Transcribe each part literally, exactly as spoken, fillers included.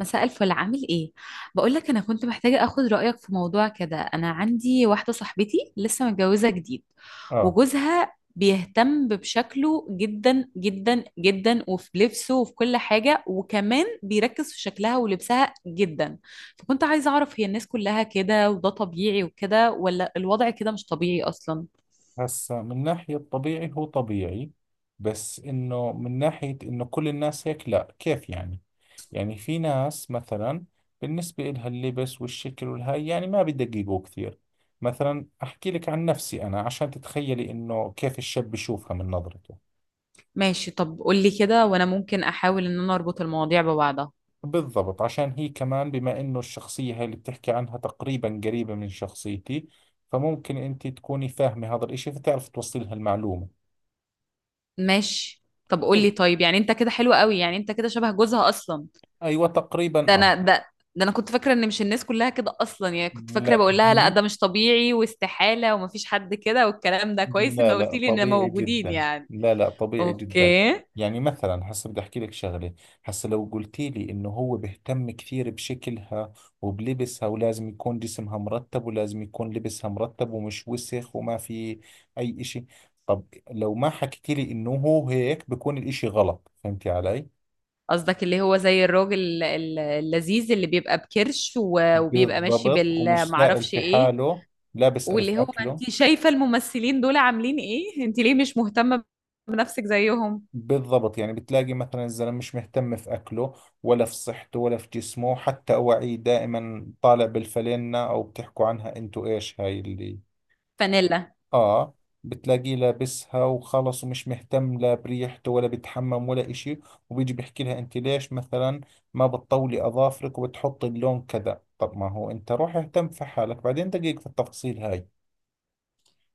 مساء الفل، عامل ايه؟ بقول لك انا كنت محتاجه اخد رايك في موضوع كده. انا عندي واحده صاحبتي لسه متجوزه جديد، اه، وجوزها بيهتم بشكله جدا جدا جدا، وفي لبسه وفي كل حاجه، وكمان بيركز في شكلها ولبسها جدا. فكنت عايزه اعرف، هي الناس كلها كده وده طبيعي وكده، ولا الوضع كده مش طبيعي اصلا؟ هسا من ناحية طبيعي هو طبيعي. بس انه من ناحية انه كل الناس هيك، لا كيف يعني يعني؟ في ناس مثلا بالنسبة لها اللبس والشكل والهاي يعني ما بدققوا كثير. مثلا احكي لك عن نفسي انا، عشان تتخيلي انه كيف الشاب بشوفها من نظرته. ماشي، طب قولي كده وانا ممكن احاول ان انا اربط المواضيع ببعضها. بالضبط، عشان هي كمان بما انه الشخصية هاي اللي بتحكي عنها تقريبا قريبة من شخصيتي، فممكن انت تكوني فاهمة هذا الاشي فتعرف توصلي لها المعلومة. ماشي، طب قول حلو. لي. طيب يعني انت كده حلو قوي، يعني انت كده شبه جوزها اصلا. ايوه تقريبا، ده اه انا ده ده انا كنت فاكره ان مش الناس كلها كده اصلا، يعني كنت لا فاكره بقول لها لا، قديم. ده مش طبيعي واستحاله ومفيش حد كده، والكلام ده كويس ان لا قلت لا لي ان طبيعي موجودين جدا، يعني. لا لا طبيعي جدا. اوكي. يعني مثلا هسه بدي احكي لك شغله. هسه لو قلتي لي انه هو بيهتم كثير بشكلها وبلبسها ولازم يكون جسمها مرتب ولازم يكون لبسها مرتب ومش وسخ وما في اي اشي. طب لو ما حكيتي لي انه هو هيك بكون الاشي غلط، فهمتي علي؟ قصدك اللي هو زي الراجل ال- ال- اللذيذ اللي بيبقى بكرش و- وبيبقى ماشي بالضبط، ومش سائل بالمعرفش في ايه؟ حاله. لا بسأل في واللي هو اكله. انت شايفه الممثلين دول عاملين ايه، انت ليه مش مهتمه بنفسك زيهم؟ بالضبط، يعني بتلاقي مثلا الزلمه مش مهتم في اكله ولا في صحته ولا في جسمه، حتى اواعيه دائما طالع بالفلينة، او بتحكوا عنها انتو ايش هاي اللي. فانيلا. اه. بتلاقيه لابسها وخلص، ومش مهتم لا بريحته ولا بيتحمم ولا اشي. وبيجي بيحكي لها انت ليش مثلا ما بتطولي اظافرك وبتحطي اللون كذا. طب ما هو انت روح اهتم في حالك، بعدين دقيق في التفاصيل هاي.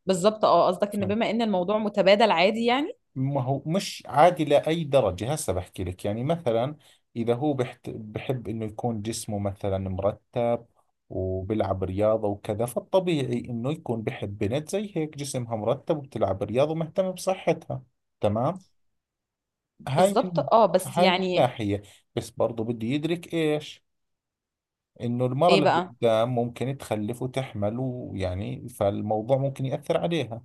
بالظبط، اه. قصدك ان بما ان الموضوع متبادل عادي يعني. ما هو مش عادي لأي درجة. هسه بحكي لك، يعني مثلا إذا هو بحت بحب إنه يكون جسمه مثلا مرتب وبلعب رياضة وكذا، فالطبيعي إنه يكون بحب بنت زي هيك جسمها مرتب وبتلعب رياضة ومهتمة بصحتها، تمام؟ هاي بالظبط، من اه، بس هاي من يعني. ناحية. بس برضو بده يدرك إيش، إنه المرة ايه اللي بقى؟ قدام ممكن تخلف وتحمل، ويعني فالموضوع ممكن يأثر عليها.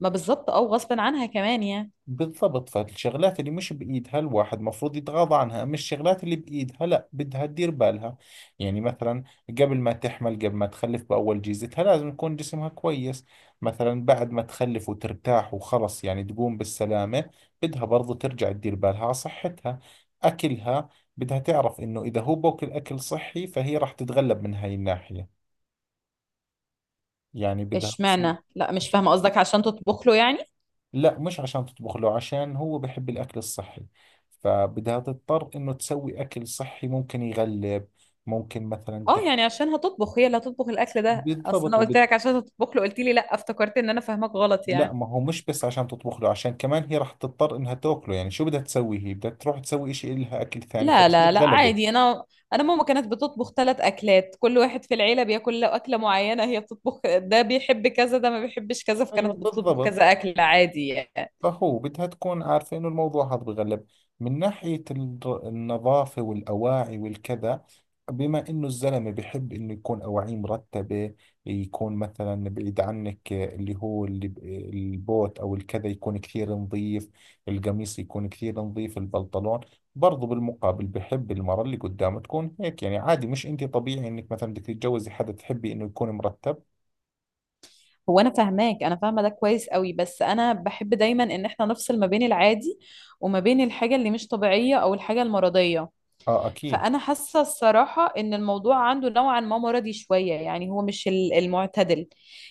ما بالظبط، اه، غصب عنها كمان يعني. بالضبط، فالشغلات اللي مش بإيدها الواحد مفروض يتغاضى عنها، أما الشغلات اللي بإيدها لا بدها تدير بالها. يعني مثلا قبل ما تحمل، قبل ما تخلف، بأول جيزتها لازم يكون جسمها كويس. مثلا بعد ما تخلف وترتاح وخلص، يعني تقوم بالسلامة، بدها برضو ترجع تدير بالها على صحتها، أكلها. بدها تعرف إنه إذا هو بوكل أكل صحي فهي راح تتغلب من هاي الناحية. يعني بدها تصير. اشمعنى؟ لا، مش فاهمه قصدك، عشان تطبخ له يعني؟ لا مش عشان تطبخ له، عشان هو بحب الأكل الصحي، فبدها تضطر إنه تسوي أكل صحي، ممكن يغلب. ممكن مثلا اه، تحت. يعني عشان هتطبخ، هي اللي هتطبخ الاكل ده؟ اصل بالضبط انا قلت وبد... لك عشان هتطبخ له قلت لي لا، افتكرت ان انا فاهمك غلط لا، يعني. ما هو مش بس عشان تطبخ له، عشان كمان هي راح تضطر إنها تاكله. يعني شو بدها تسوي؟ هي بدها تروح تسوي إشي إلها أكل ثاني، لا فبصير لا لا، غلبة. عادي. انا انا ماما كانت بتطبخ ثلاث اكلات، كل واحد في العيله بياكل له اكله معينه، هي بتطبخ ده بيحب كذا، ده ما بيحبش كذا، أيوة فكانت بتطبخ بالضبط. كذا اكل عادي يعني. فهو بدها تكون عارفة إنه الموضوع هذا بغلب. من ناحية الر- النظافة والأواعي والكذا، بما إنه الزلمة بحب إنه يكون أواعيه مرتبة. يكون مثلا بعيد عنك اللي هو اللي ب- البوت أو الكذا يكون كثير نظيف، القميص يكون كثير نظيف، البنطلون. برضو بالمقابل بحب المرة اللي قدامه تكون هيك، يعني عادي، مش أنت طبيعي إنك مثلا بدك تتجوزي حدا تحبي إنه يكون مرتب. هو انا فاهماك، انا فاهمه ده كويس قوي، بس انا بحب دايما ان احنا نفصل ما بين العادي وما بين الحاجه اللي مش طبيعيه او الحاجه المرضيه. آه أكيد. فانا حاسه الصراحه ان الموضوع عنده نوعا ما مرضي شويه، يعني هو مش ال- المعتدل.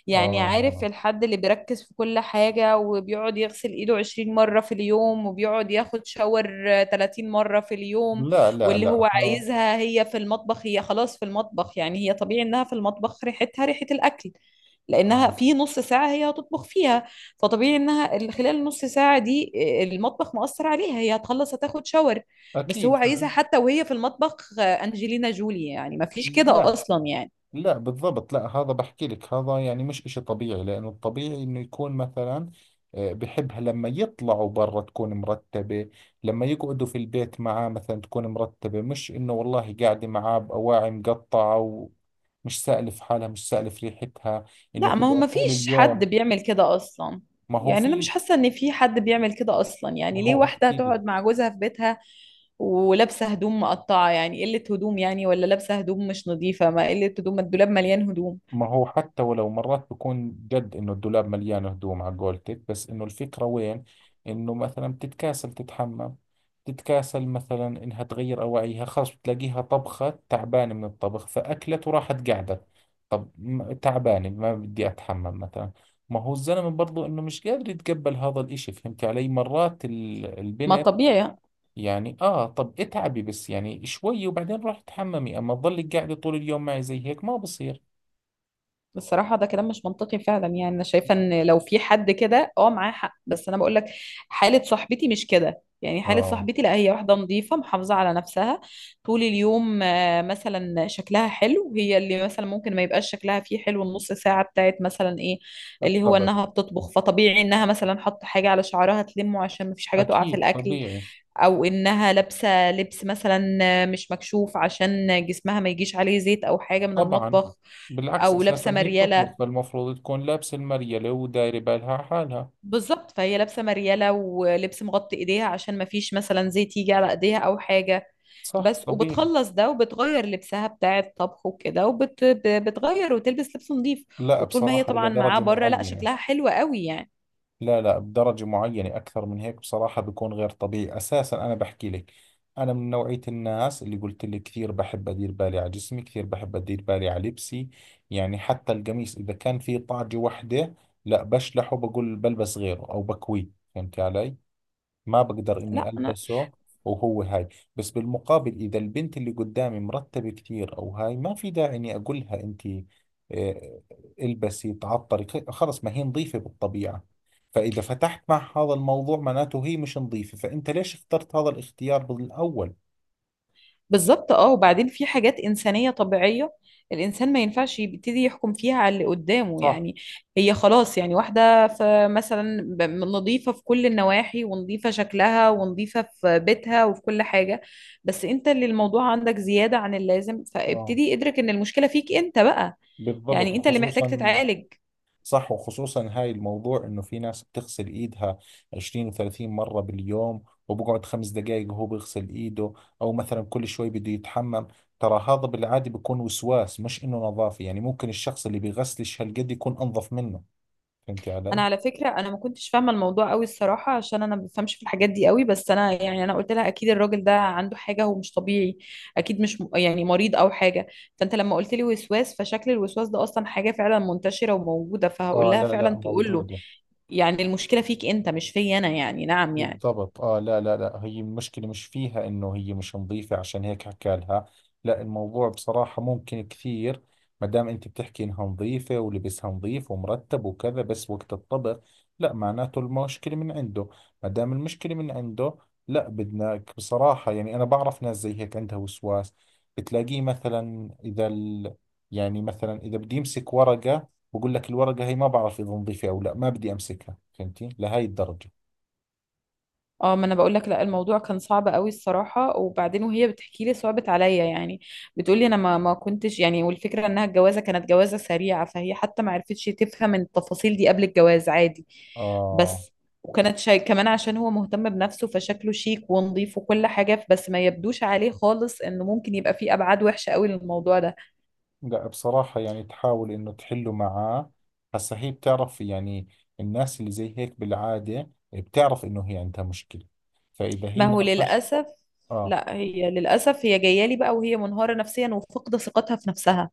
يعني عارف آه. الحد اللي بيركز في كل حاجه وبيقعد يغسل ايده عشرين مره في اليوم وبيقعد ياخد شاور ثلاثين مره في اليوم، لا لا واللي لا هو آه. عايزها هي في المطبخ. هي خلاص في المطبخ، يعني هي طبيعي انها في المطبخ ريحتها ريحه الاكل، لانها آه. في نص ساعه هي هتطبخ فيها. فطبيعي انها ال- خلال النص ساعه دي المطبخ مؤثر عليها، هي هتخلص هتاخد شاور. بس هو أكيد. عايزها حتى وهي في المطبخ آه، أنجلينا جولي، يعني ما فيش كده لا أصلا يعني. لا بالضبط، لا هذا بحكي لك، هذا يعني مش إشي طبيعي، لأنه الطبيعي إنه يكون مثلا، آه، بحبها لما يطلعوا برا تكون مرتبة، لما يقعدوا في البيت معاه مثلا تكون مرتبة، مش إنه والله قاعدة معاه بأواعي مقطعة ومش سالف حالها، مش سالف ريحتها، إنه لا. ما هو تقعد ما طول فيش حد اليوم. بيعمل كده أصلا، ما هو يعني أنا مش في حاسة إن في حد بيعمل كده أصلا. يعني ما ليه هو واحدة أحكي لك هتقعد مع جوزها في بيتها ولابسة هدوم مقطعة؟ يعني قلة هدوم يعني؟ ولا لابسة هدوم مش نظيفة؟ ما قلة هدوم، ما الدولاب مليان هدوم. ما هو حتى ولو مرات بكون جد انه الدولاب مليان هدوم على قولتك، بس انه الفكرة وين؟ انه مثلا بتتكاسل تتحمم، تتكاسل مثلا انها تغير اواعيها، خلص بتلاقيها طبخة تعبانة من الطبخ فاكلت وراحت قاعدة. طب م- تعبانة ما بدي اتحمم مثلا. ما هو الزلمة برضو انه مش قادر يتقبل هذا الاشي، فهمت علي؟ مرات ال- ما البنت طبيعي. يعني اه، طب اتعبي بس يعني شوي وبعدين روحي تحممي، اما تضلك قاعدة طول اليوم معي زي هيك ما بصير. بصراحة ده كلام مش منطقي فعلا، يعني أنا شايفة إن لو في حد كده أه معاه حق، بس أنا بقول لك حالة صاحبتي مش كده. يعني حالة اه. صاحبتي لا، هي واحدة نظيفة محافظة على نفسها طول اليوم آه، مثلا شكلها حلو. هي اللي مثلا ممكن ما يبقاش شكلها فيه حلو النص ساعة بتاعت مثلا إيه، اللي هو الطبخ. إنها بتطبخ. فطبيعي إنها مثلا حط حاجة على شعرها تلمه عشان مفيش حاجة تقع في أكيد الأكل، طبيعي. أو إنها لابسة لبس مثلا آه، مش مكشوف عشان جسمها ما يجيش عليه زيت أو حاجة من طبعا. المطبخ، بالعكس، أو أساسا لابسة هي بتطبخ مريالة. فالمفروض تكون لابسة المريلة ودايرة بالها على حالها. بالظبط، فهي لابسه مرياله ولبس مغطي ايديها عشان ما فيش مثلا زيت يجي على ايديها او حاجه. صح بس طبيعي. وبتخلص ده وبتغير لبسها بتاع الطبخ وكده وبتغير وتلبس لبس نظيف. لا وطول ما هي بصراحة إلى طبعا معاه درجة بره لا، معينة. شكلها حلو قوي يعني. لا لا، بدرجة معينة. أكثر من هيك بصراحة بيكون غير طبيعي. أساسا أنا بحكي لك، أنا من نوعية الناس اللي قلت لك كثير بحب أدير بالي على جسمي، كثير بحب أدير بالي على لبسي. يعني حتى القميص إذا كان فيه طاجة وحدة لا بشلحه، بقول بلبس غيره أو بكويه، فهمتي علي؟ ما بقدر إني لا، ألبسه وهو هاي. بس بالمقابل إذا البنت اللي قدامي مرتبة كثير أو هاي، ما في داعي إني أقول لها أنت، آه، البسي تعطري خ- خلص، ما هي نظيفة بالطبيعة. فإذا فتحت مع هذا الموضوع معناته هي مش نظيفة، فأنت ليش اخترت هذا الاختيار بالأول؟ بالظبط اه. وبعدين في حاجات إنسانية طبيعية، الإنسان ما ينفعش يبتدي يحكم فيها على اللي قدامه صح. يعني. هي خلاص يعني واحدة في مثلا ب- نظيفة في كل النواحي، ونظيفة شكلها، ونظيفة في بيتها وفي كل حاجة. بس انت اللي الموضوع عندك زيادة عن اللازم، اه فابتدي ادرك ان المشكلة فيك انت بقى. بالضبط، يعني انت اللي محتاج خصوصا. تتعالج. صح، وخصوصا هاي الموضوع انه في ناس بتغسل ايدها عشرين و30 مرة باليوم، وبقعد خمس دقائق وهو بيغسل ايده، او مثلا كل شوي بده يتحمم. ترى هذا بالعادة بيكون وسواس مش انه نظافة. يعني ممكن الشخص اللي بيغسلش هالقد يكون انظف منه، فهمتي انا علي؟ على فكره انا ما كنتش فاهمه الموضوع قوي الصراحه، عشان انا ما بفهمش في الحاجات دي قوي، بس انا يعني انا قلت لها اكيد الراجل ده عنده حاجه، هو مش طبيعي، اكيد مش م- يعني مريض او حاجه. فانت لما قلت لي وسواس، فشكل الوسواس ده اصلا حاجه فعلا منتشره وموجوده، فهقول اه لها لا لا فعلا تقول له موجودة. يعني المشكله فيك انت، مش فيا انا، يعني نعم يعني. بالضبط اه، لا لا لا، هي المشكلة مش فيها انه هي مش نظيفة عشان هيك حكى لها. لا الموضوع بصراحة ممكن كثير، ما دام انت بتحكي انها نظيفة ولبسها نظيف ومرتب وكذا، بس وقت الطبخ، لا معناته المشكلة من عنده. ما دام المشكلة من عنده، لا بدناك بصراحة. يعني انا بعرف ناس زي هيك عندها وسواس، بتلاقيه مثلا اذا ال، يعني مثلا اذا بدي امسك ورقة بقول لك الورقة هي ما بعرف اذا نظيفة او لا، ما بدي امسكها. فهمتي لهي الدرجة؟ اه، ما انا بقول لك لا، الموضوع كان صعب قوي الصراحه. وبعدين وهي بتحكي لي صعبت عليا يعني، بتقول لي انا ما ما كنتش يعني. والفكره انها الجوازه كانت جوازه سريعه، فهي حتى ما عرفتش تفهم التفاصيل دي قبل الجواز عادي. اه. بس وكانت شاي كمان عشان هو مهتم بنفسه، فشكله شيك ونظيف وكل حاجه، بس ما يبدوش عليه خالص انه ممكن يبقى فيه ابعاد وحشه قوي للموضوع ده. لا بصراحة يعني تحاول إنه تحله معاه. هسا هي بتعرف، يعني الناس اللي زي هيك بالعادة بتعرف إنه هي عندها مشكلة، فإذا هي ما هو ناقش. للاسف، آه. لا هي للاسف هي جايه لي بقى وهي منهاره نفسيا وفقد ثقتها في نفسها.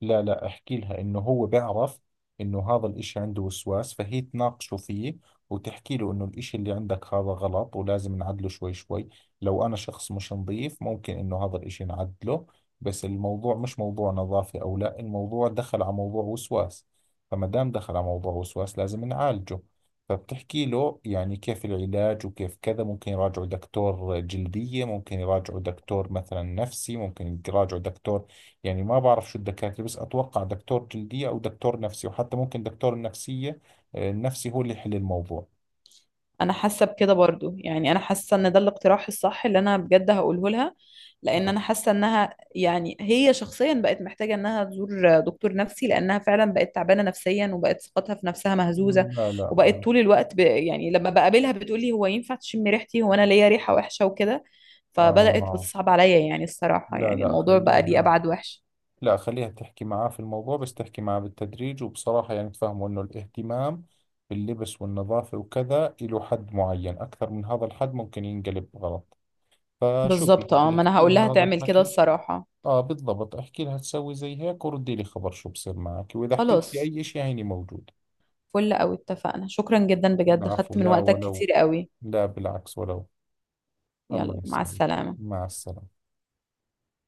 لا لا احكي لها انه هو بيعرف انه هذا الاشي عنده وسواس، فهي تناقشه فيه وتحكي له انه الاشي اللي عندك هذا غلط ولازم نعدله شوي شوي. لو انا شخص مش نظيف ممكن انه هذا الاشي نعدله، بس الموضوع مش موضوع نظافة او لا، الموضوع دخل على موضوع وسواس، فما دام دخل على موضوع وسواس لازم نعالجه. فبتحكي له يعني كيف العلاج وكيف كذا، ممكن يراجعوا دكتور جلدية، ممكن يراجعوا دكتور مثلا نفسي، ممكن يراجعوا دكتور، يعني ما بعرف شو الدكاترة، بس أتوقع دكتور جلدية أو دكتور نفسي، وحتى ممكن دكتور النفسية، آه، النفسي هو اللي يحل الموضوع. انا حاسه بكده برضو، يعني انا حاسه ان ده الاقتراح الصح اللي انا بجد هقوله لها، لان آه. انا حاسه انها يعني هي شخصيا بقت محتاجه انها تزور دكتور نفسي، لانها فعلا بقت تعبانه نفسيا وبقت ثقتها في نفسها مهزوزه. لا لا وبقت طول بالعكس. الوقت ب... يعني لما بقابلها بتقولي هو ينفع تشم ريحتي؟ هو انا ليا ريحه وحشه وكده؟ فبدات آه بتصعب عليا يعني الصراحه، لا يعني لا الموضوع بقى ليه خليها، ابعد وحش. لا خليها تحكي معاه في الموضوع، بس تحكي معاه بالتدريج وبصراحة. يعني تفهمه إنه الاهتمام باللبس والنظافة وكذا له حد معين، أكثر من هذا الحد ممكن ينقلب غلط. فشوفي بالظبط أنت اه، ما انا احكي هقول لها لها هذا تعمل كده الحكي. الصراحه. آه بالضبط، احكي لها تسوي زي هيك وردي لي خبر شو بصير معك، وإذا احتجتي خلاص، أي شيء هيني موجود. فل قوي، اتفقنا. شكرا جدا بجد، العفو، خدت من لا وقتك ولو. كتير قوي. لا بالعكس ولو. الله يلا، مع يسعدك. السلامة. مع السلامة.